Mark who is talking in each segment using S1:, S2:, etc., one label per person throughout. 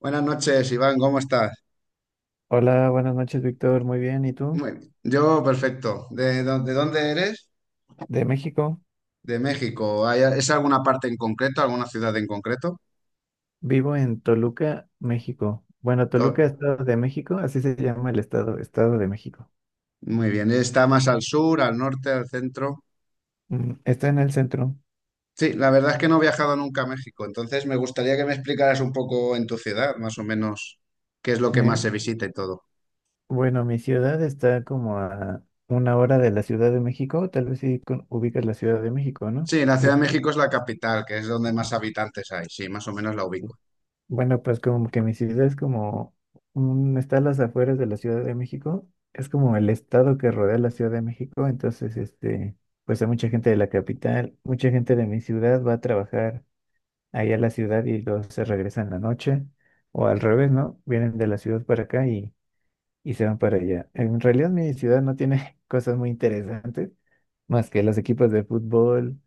S1: Buenas noches, Iván, ¿cómo estás?
S2: Hola, buenas noches, Víctor. Muy bien. ¿Y tú?
S1: Muy bien. Yo, perfecto. ¿ De dónde eres?
S2: De México.
S1: De México. ¿ Es alguna parte en concreto, alguna ciudad en concreto?
S2: Vivo en Toluca, México. Bueno, Toluca,
S1: To-
S2: Estado de México, así se llama el estado, Estado de México.
S1: Muy bien. ¿Está más al sur, al norte, al centro?
S2: Está en el centro.
S1: Sí, la verdad es que no he viajado nunca a México, entonces me gustaría que me explicaras un poco en tu ciudad, más o menos, qué es lo que
S2: Eh,
S1: más se visita y todo.
S2: bueno, mi ciudad está como a una hora de la Ciudad de México. Tal vez sí ubicas la Ciudad de México, ¿no?
S1: Sí, la
S2: Que
S1: Ciudad
S2: es-
S1: de México es la capital, que es donde más
S2: ajá.
S1: habitantes hay, sí, más o menos la
S2: Sí.
S1: ubico.
S2: Bueno, pues como que mi ciudad es como un, está a las afueras de la Ciudad de México, es como el estado que rodea la Ciudad de México, entonces este, pues hay mucha gente de la capital, mucha gente de mi ciudad va a trabajar ahí a la ciudad y luego se regresan en la noche, o al revés, ¿no? Vienen de la ciudad para acá y se van para allá. En realidad mi ciudad no tiene cosas muy interesantes, más que los equipos de fútbol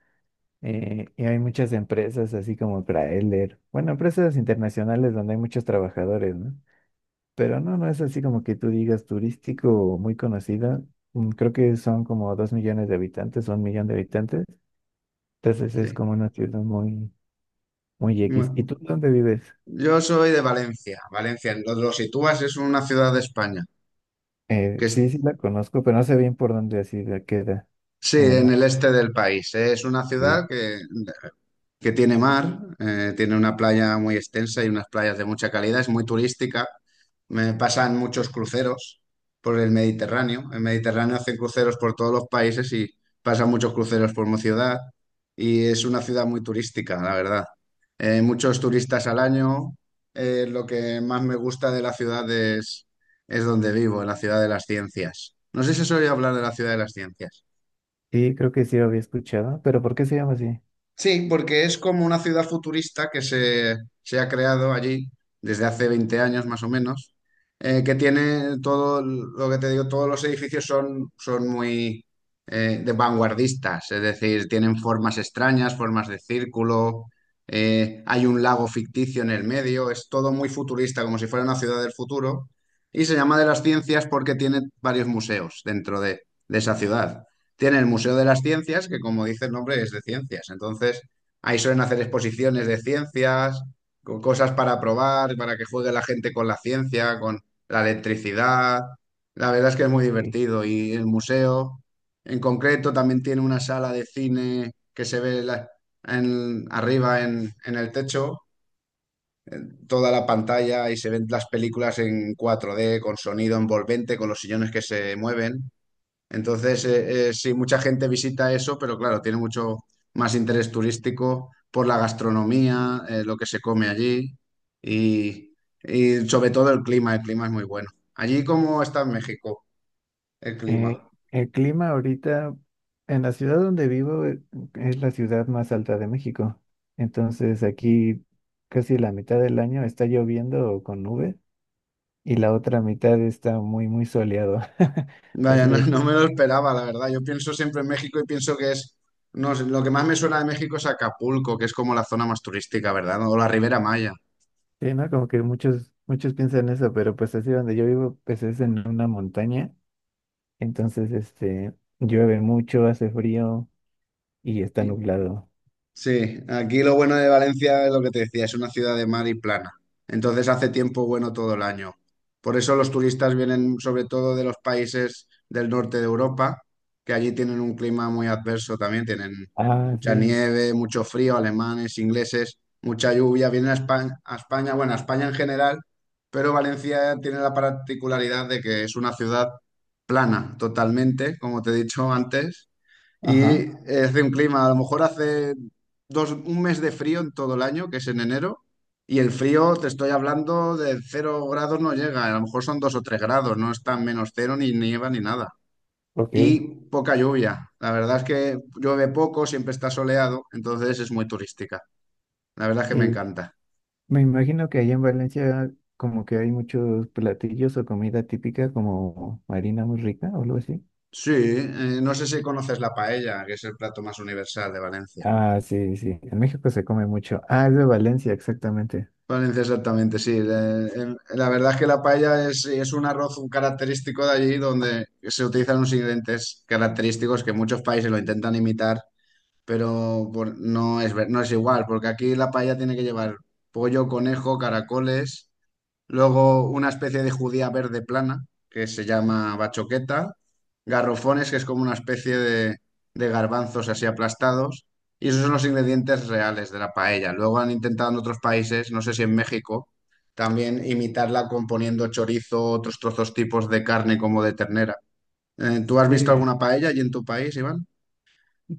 S2: y hay muchas empresas así como Crailer, bueno, empresas internacionales donde hay muchos trabajadores, ¿no? Pero no, no es así como que tú digas turístico o muy conocida. Creo que son como 2 millones de habitantes, o 1 millón de habitantes. Entonces es
S1: Sí.
S2: como una ciudad muy, muy X. ¿Y
S1: Bueno,
S2: tú dónde vives?
S1: yo soy de Valencia. Valencia, lo sitúas, es una ciudad de España. Que
S2: Sí, sí
S1: es,
S2: la conozco, pero no sé bien por dónde así la queda
S1: sí,
S2: en el
S1: en
S2: mapa.
S1: el este del país. Es una
S2: Ok.
S1: ciudad que, que tiene mar, tiene una playa muy extensa y unas playas de mucha calidad, es muy turística. Me pasan muchos cruceros por el Mediterráneo. El Mediterráneo hacen cruceros por todos los países y pasan muchos cruceros por mi ciudad. Y es una ciudad muy turística, la verdad. Muchos turistas al año. Lo que más me gusta de la ciudad Es donde vivo, en la ciudad de las ciencias. No sé si se oye hablar de la ciudad de las ciencias.
S2: Sí, creo que sí lo había escuchado, pero ¿por qué se llama así?
S1: Sí, porque es como una ciudad futurista que se ha creado allí desde hace 20 años más o menos, que tiene todo el- lo que te digo, todos los edificios son, son muy de vanguardistas, es decir, tienen formas extrañas, formas de círculo, hay un lago ficticio en el medio, es todo muy futurista, como si fuera una ciudad del futuro, y se llama de las ciencias porque tiene varios museos dentro de esa ciudad. Tiene el Museo de las Ciencias, que como dice el nombre es de ciencias. Entonces, ahí suelen hacer exposiciones de ciencias, con cosas para probar, para que juegue la gente con la ciencia, con la electricidad. La verdad es que es muy
S2: Sí.
S1: divertido. Y el museo, en concreto, también tiene una sala de cine que se ve la- en- arriba en el techo, toda la pantalla y se ven las películas en 4D, con sonido envolvente, con los sillones que se mueven. Entonces, sí, mucha gente visita eso, pero claro, tiene mucho más interés turístico por la gastronomía, lo que se come allí y, y sobre todo el clima. El clima es muy bueno. Allí, ¿cómo está en México el
S2: Eh,
S1: clima?
S2: el clima ahorita en la ciudad donde vivo es la ciudad más alta de México. Entonces aquí casi la mitad del año está lloviendo o con nubes y la otra mitad está muy, muy soleado.
S1: Vaya,
S2: Así
S1: no,
S2: de
S1: no
S2: que,
S1: me lo esperaba, la verdad. Yo pienso siempre en México y pienso que es, no sé, lo que más me suena de México es Acapulco, que es como la zona más turística, ¿verdad? O la Ribera Maya.
S2: sí, ¿no? Como que muchos, muchos piensan eso, pero pues así donde yo vivo, pues es en una montaña. Entonces, este, llueve mucho, hace frío y está nublado.
S1: Sí, aquí lo bueno de Valencia es lo que te decía, es una ciudad de mar y plana. Entonces hace tiempo bueno todo el año. Por eso los turistas vienen sobre todo de los países del norte de Europa, que allí tienen un clima muy adverso también, tienen
S2: Ah,
S1: mucha
S2: sí.
S1: nieve, mucho frío, alemanes, ingleses, mucha lluvia. Vienen a España, Bueno, a España en general, pero Valencia tiene la particularidad de que es una ciudad plana totalmente, como te he dicho antes y
S2: Ajá,
S1: hace un clima, a lo mejor hace un mes de frío en todo el año, que es en enero, y el frío, te estoy hablando de cero grados no llega, a lo mejor son dos o tres grados, no está en menos cero, ni nieva, ni nada. Y
S2: ok.
S1: poca lluvia, la verdad es que llueve poco, siempre está soleado, entonces es muy turística, la verdad es que me encanta.
S2: Me imagino que allá en Valencia como que hay muchos platillos o comida típica como harina muy rica o algo así.
S1: Sí, no sé si conoces la paella, que es el plato más universal de Valencia.
S2: Ah, sí, sí. En México se come mucho. Ah, es de Valencia, exactamente.
S1: Valencia, exactamente, sí. Le- el- La verdad es que es un arroz un característico de allí donde se utilizan unos ingredientes característicos que muchos países lo intentan imitar, pero no es, no es igual, porque aquí la paella tiene que llevar pollo, conejo, caracoles. Luego una especie de judía verde plana, que se llama bachoqueta. Garrofones, que es como una especie de garbanzos así aplastados. Y esos son los ingredientes reales de la paella. Luego han intentado en otros países, no sé si en México, también imitarla componiendo chorizo, otros trozos tipos de carne como de ternera. ¿Tú has visto
S2: Eh,
S1: alguna paella allí en tu país, Iván?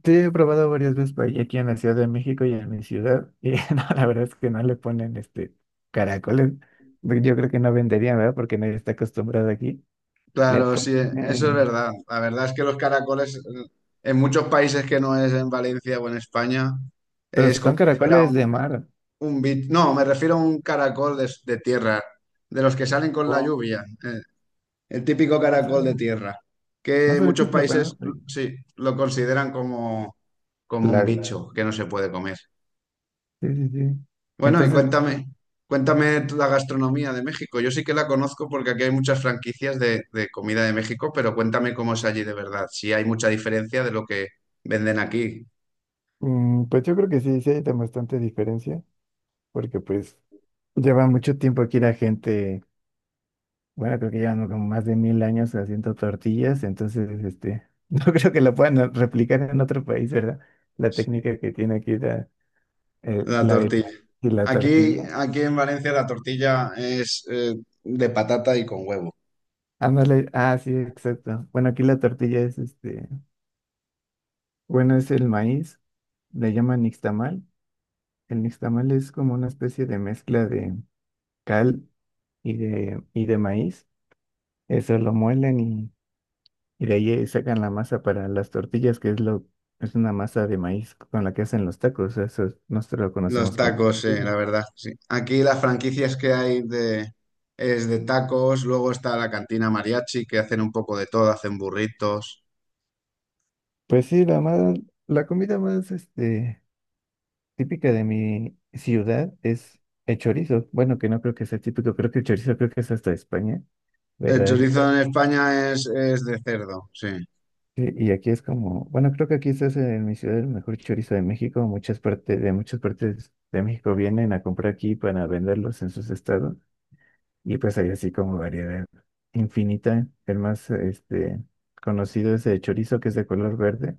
S2: te he probado varias veces por ahí, aquí en la Ciudad de México y en mi ciudad. Y no, la verdad es que no le ponen este caracoles. Yo creo que no venderían, ¿verdad? Porque nadie está acostumbrado aquí. Le
S1: Claro, sí, eso es
S2: ponen-
S1: verdad. La verdad es que los caracoles en muchos países que no es en Valencia o en España
S2: Pero
S1: es como
S2: son
S1: si fuera
S2: caracoles de mar.
S1: un bit, no, me refiero a un caracol de tierra, de los que salen con la
S2: O
S1: lluvia, el típico
S2: no
S1: caracol de
S2: sabe,
S1: tierra,
S2: no
S1: que
S2: sabe qué
S1: muchos
S2: se le
S1: países
S2: ponen.
S1: sí lo consideran como, como
S2: Por
S1: un
S2: ahí.
S1: bicho que no se puede comer.
S2: Sí, sí, sí.
S1: Bueno, y
S2: Entonces,
S1: cuéntame, Cuéntame tú la gastronomía de México. Yo sí que la conozco porque aquí hay muchas franquicias de comida de México, pero cuéntame cómo es allí de verdad, si hay mucha diferencia de lo que venden aquí.
S2: mm, pues yo creo que sí, sí hay de bastante diferencia, porque pues lleva mucho tiempo aquí la gente, bueno, creo que llevan como más de 1000 años haciendo tortillas, entonces, este, no creo que la puedan replicar en otro país, ¿verdad? La
S1: Sí.
S2: técnica que tiene aquí
S1: La
S2: el
S1: tortilla.
S2: maíz y la
S1: Aquí,
S2: tortilla.
S1: aquí en Valencia la tortilla es de patata y con huevo.
S2: Ándale, ah, sí, exacto. Bueno, aquí la tortilla es, este, bueno, es el maíz, le llaman nixtamal. El nixtamal es como una especie de mezcla de cal. Y de, y de maíz. Eso lo muelen y de ahí sacan la masa para las tortillas, que es lo, es una masa de maíz con la que hacen los tacos. Nosotros lo
S1: Los
S2: conocemos como
S1: tacos,
S2: tortilla.
S1: la verdad, sí. Aquí las franquicias que hay es de tacos, luego está la cantina mariachi que hacen un poco de todo, hacen burritos.
S2: Pues sí, la más, la comida más este, típica de mi ciudad es el chorizo. Bueno, que no creo que sea típico, creo que el chorizo creo que es hasta de España,
S1: El
S2: pero
S1: chorizo en España es, es de cerdo, sí.
S2: sí, y aquí es como, bueno, creo que aquí este es en mi ciudad el mejor chorizo de México. Muchas partes de México vienen a comprar aquí para venderlos en sus estados. Y pues hay así como variedad infinita. El más este, conocido es el chorizo, que es de color verde.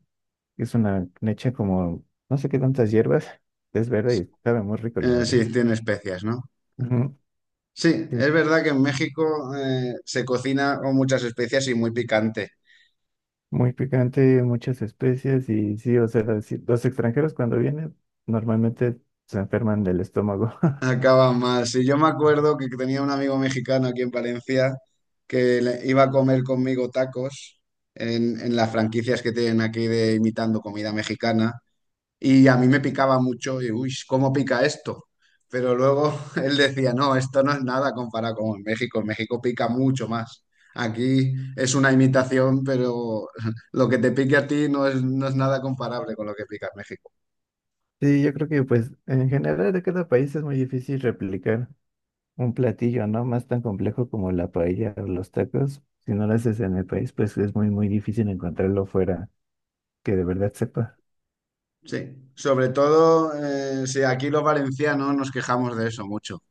S2: Es una leche como, no sé qué tantas hierbas. Es verde y sabe muy rico, la verdad.
S1: Sí, tiene especias, ¿no?
S2: Ujú,
S1: Sí, es
S2: sí,
S1: verdad que en México se cocina con muchas especias y muy picante.
S2: muy picante, muchas especias. Y sí, o sea, sí, los extranjeros cuando vienen normalmente se enferman del estómago.
S1: Acaban mal. Sí, yo me acuerdo que tenía un amigo mexicano aquí en Valencia que iba a comer conmigo tacos en las franquicias que tienen aquí de imitando comida mexicana y a mí me picaba mucho y, uy, ¿cómo pica esto? Pero luego él decía, no, esto no es nada comparado con en México. En México pica mucho más. Aquí es una imitación, pero lo que te pique a ti no es, no es nada comparable con lo que pica en México.
S2: Sí, yo creo que pues en general de cada país es muy difícil replicar un platillo, ¿no? Más tan complejo como la paella o los tacos. Si no lo haces en el país, pues es muy, muy difícil encontrarlo fuera que de verdad sepa.
S1: Sí, sobre todo, sí, aquí los valencianos nos quejamos de eso mucho,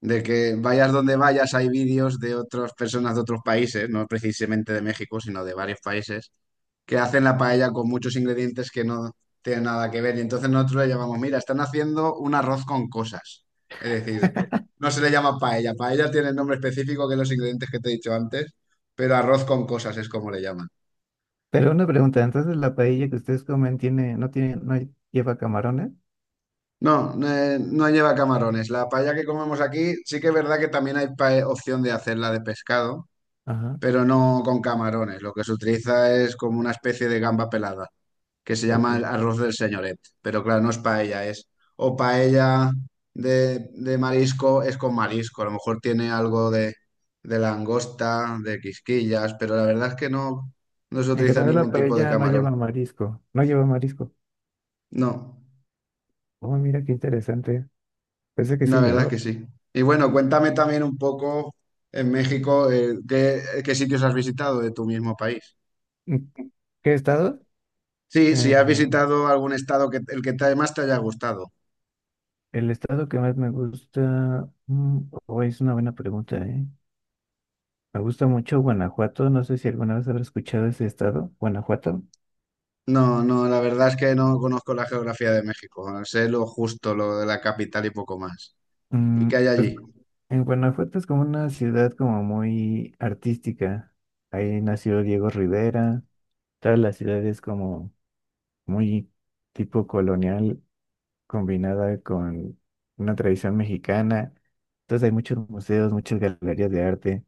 S1: de que vayas donde vayas hay vídeos de otras personas de otros países, no precisamente de México, sino de varios países, que hacen la paella con muchos ingredientes que no tienen nada que ver. Y entonces nosotros le llamamos, mira, están haciendo un arroz con cosas. Es decir, no se le llama paella, paella tiene el nombre específico que los ingredientes que te he dicho antes, pero arroz con cosas es como le llaman.
S2: Pero una pregunta, entonces la paella que ustedes comen tiene, no tiene, ¿no lleva camarones?
S1: No, no lleva camarones. La paella que comemos aquí, sí que es verdad que también hay opción de hacerla de pescado,
S2: Ajá,
S1: pero no con camarones. Lo que se utiliza es como una especie de gamba pelada, que se
S2: ok.
S1: llama el arroz del señoret. Pero claro, no es paella, es o paella de marisco, es con marisco. A lo mejor tiene algo de langosta, de quisquillas, pero la verdad es que no, no se
S2: En
S1: utiliza
S2: general la
S1: ningún tipo de
S2: paella no
S1: camarón.
S2: lleva marisco, no lleva marisco.
S1: No.
S2: Oh, mira qué interesante. Pensé que sí
S1: La verdad es
S2: llevó.
S1: que sí. Y bueno, cuéntame también un poco en México, ¿ qué sitios has visitado de tu mismo país?
S2: ¿En ¿Qué estado?
S1: Sí, si has visitado algún estado que más te haya gustado.
S2: El estado que más me gusta, mm, oh, es una buena pregunta, ¿eh? Me gusta mucho Guanajuato, no sé si alguna vez habrá escuchado ese estado, Guanajuato.
S1: No, no, la verdad es que no conozco la geografía de México. Sé lo justo, lo de la capital y poco más. ¿Y
S2: Mm,
S1: qué hay
S2: pues
S1: allí?
S2: en Guanajuato es como una ciudad como muy artística. Ahí nació Diego Rivera, toda la ciudad es como muy tipo colonial combinada con una tradición mexicana. Entonces hay muchos museos, muchas galerías de arte.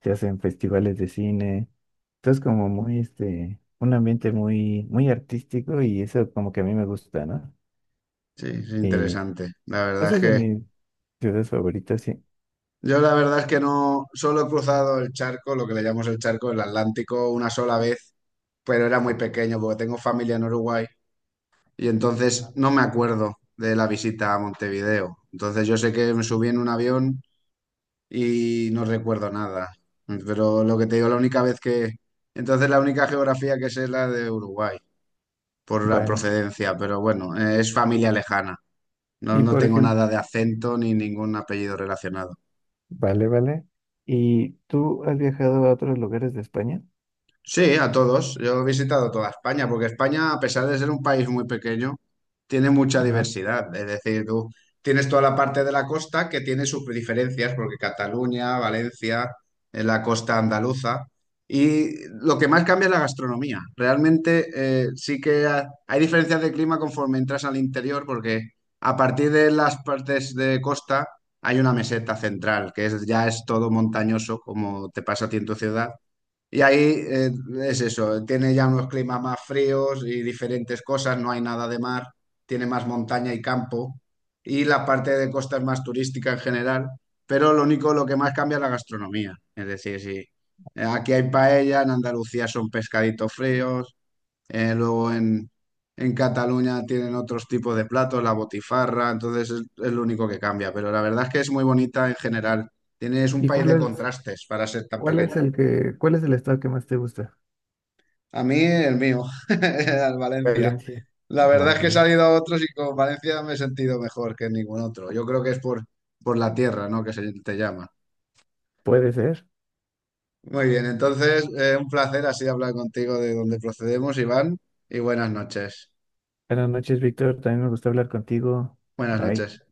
S2: Se hacen festivales de cine. Entonces, como muy, este, un ambiente muy, muy artístico y eso como que a mí me gusta, ¿no?
S1: Sí, es
S2: Y
S1: interesante. La verdad
S2: esa
S1: es
S2: es de
S1: que
S2: mis ciudades favoritas, sí.
S1: yo la verdad es que no, solo he cruzado el charco, lo que le llamamos el charco, el Atlántico, una sola vez, pero era muy pequeño porque tengo familia en Uruguay. Y entonces
S2: Ah,
S1: no me acuerdo de la visita a Montevideo. Entonces yo sé que me subí en un avión y no recuerdo nada. Pero lo que te digo, la única vez que... Entonces la única geografía que sé es la de Uruguay, por la
S2: vale.
S1: procedencia, pero bueno, es familia lejana. No,
S2: Y
S1: no
S2: por
S1: tengo
S2: ejemplo,
S1: nada de acento ni ningún apellido relacionado.
S2: vale, vale. ¿Y tú has viajado a otros lugares de España?
S1: Sí, a todos. Yo he visitado toda España, porque España, a pesar de ser un país muy pequeño, tiene mucha
S2: Ajá.
S1: diversidad. Es decir, tú tienes toda la parte de la costa que tiene sus diferencias, porque Cataluña, Valencia, en la costa andaluza. Y lo que más cambia es la gastronomía. Realmente hay diferencias de clima conforme entras al interior, porque a partir de las partes de costa hay una meseta central, que es, ya es todo montañoso, como te pasa a ti en tu ciudad y ahí es eso, tiene ya unos climas más fríos y diferentes cosas, no hay nada de mar, tiene más montaña y campo, y la parte de costa es más turística en general, pero lo único, lo que más cambia es la gastronomía. Es decir, si aquí hay paella, en Andalucía son pescaditos fríos, luego en Cataluña tienen otros tipos de platos, la botifarra, entonces es lo único que cambia, pero la verdad es que es muy bonita en general. Tienes un
S2: ¿Y
S1: país de contrastes para ser tan
S2: cuál
S1: pequeño.
S2: es el que, cuál es el estado que más te gusta?
S1: A mí el mío, al Valencia.
S2: Valencia.
S1: La verdad es
S2: Wow.
S1: que he salido a otros y con Valencia me he sentido mejor que ningún otro. Yo creo que es por la tierra, ¿no? Que se te llama.
S2: Puede ser.
S1: Muy bien, entonces un placer así hablar contigo de dónde procedemos, Iván, y buenas noches.
S2: Buenas noches, Víctor. También me gusta hablar contigo.
S1: Buenas
S2: Bye.
S1: noches.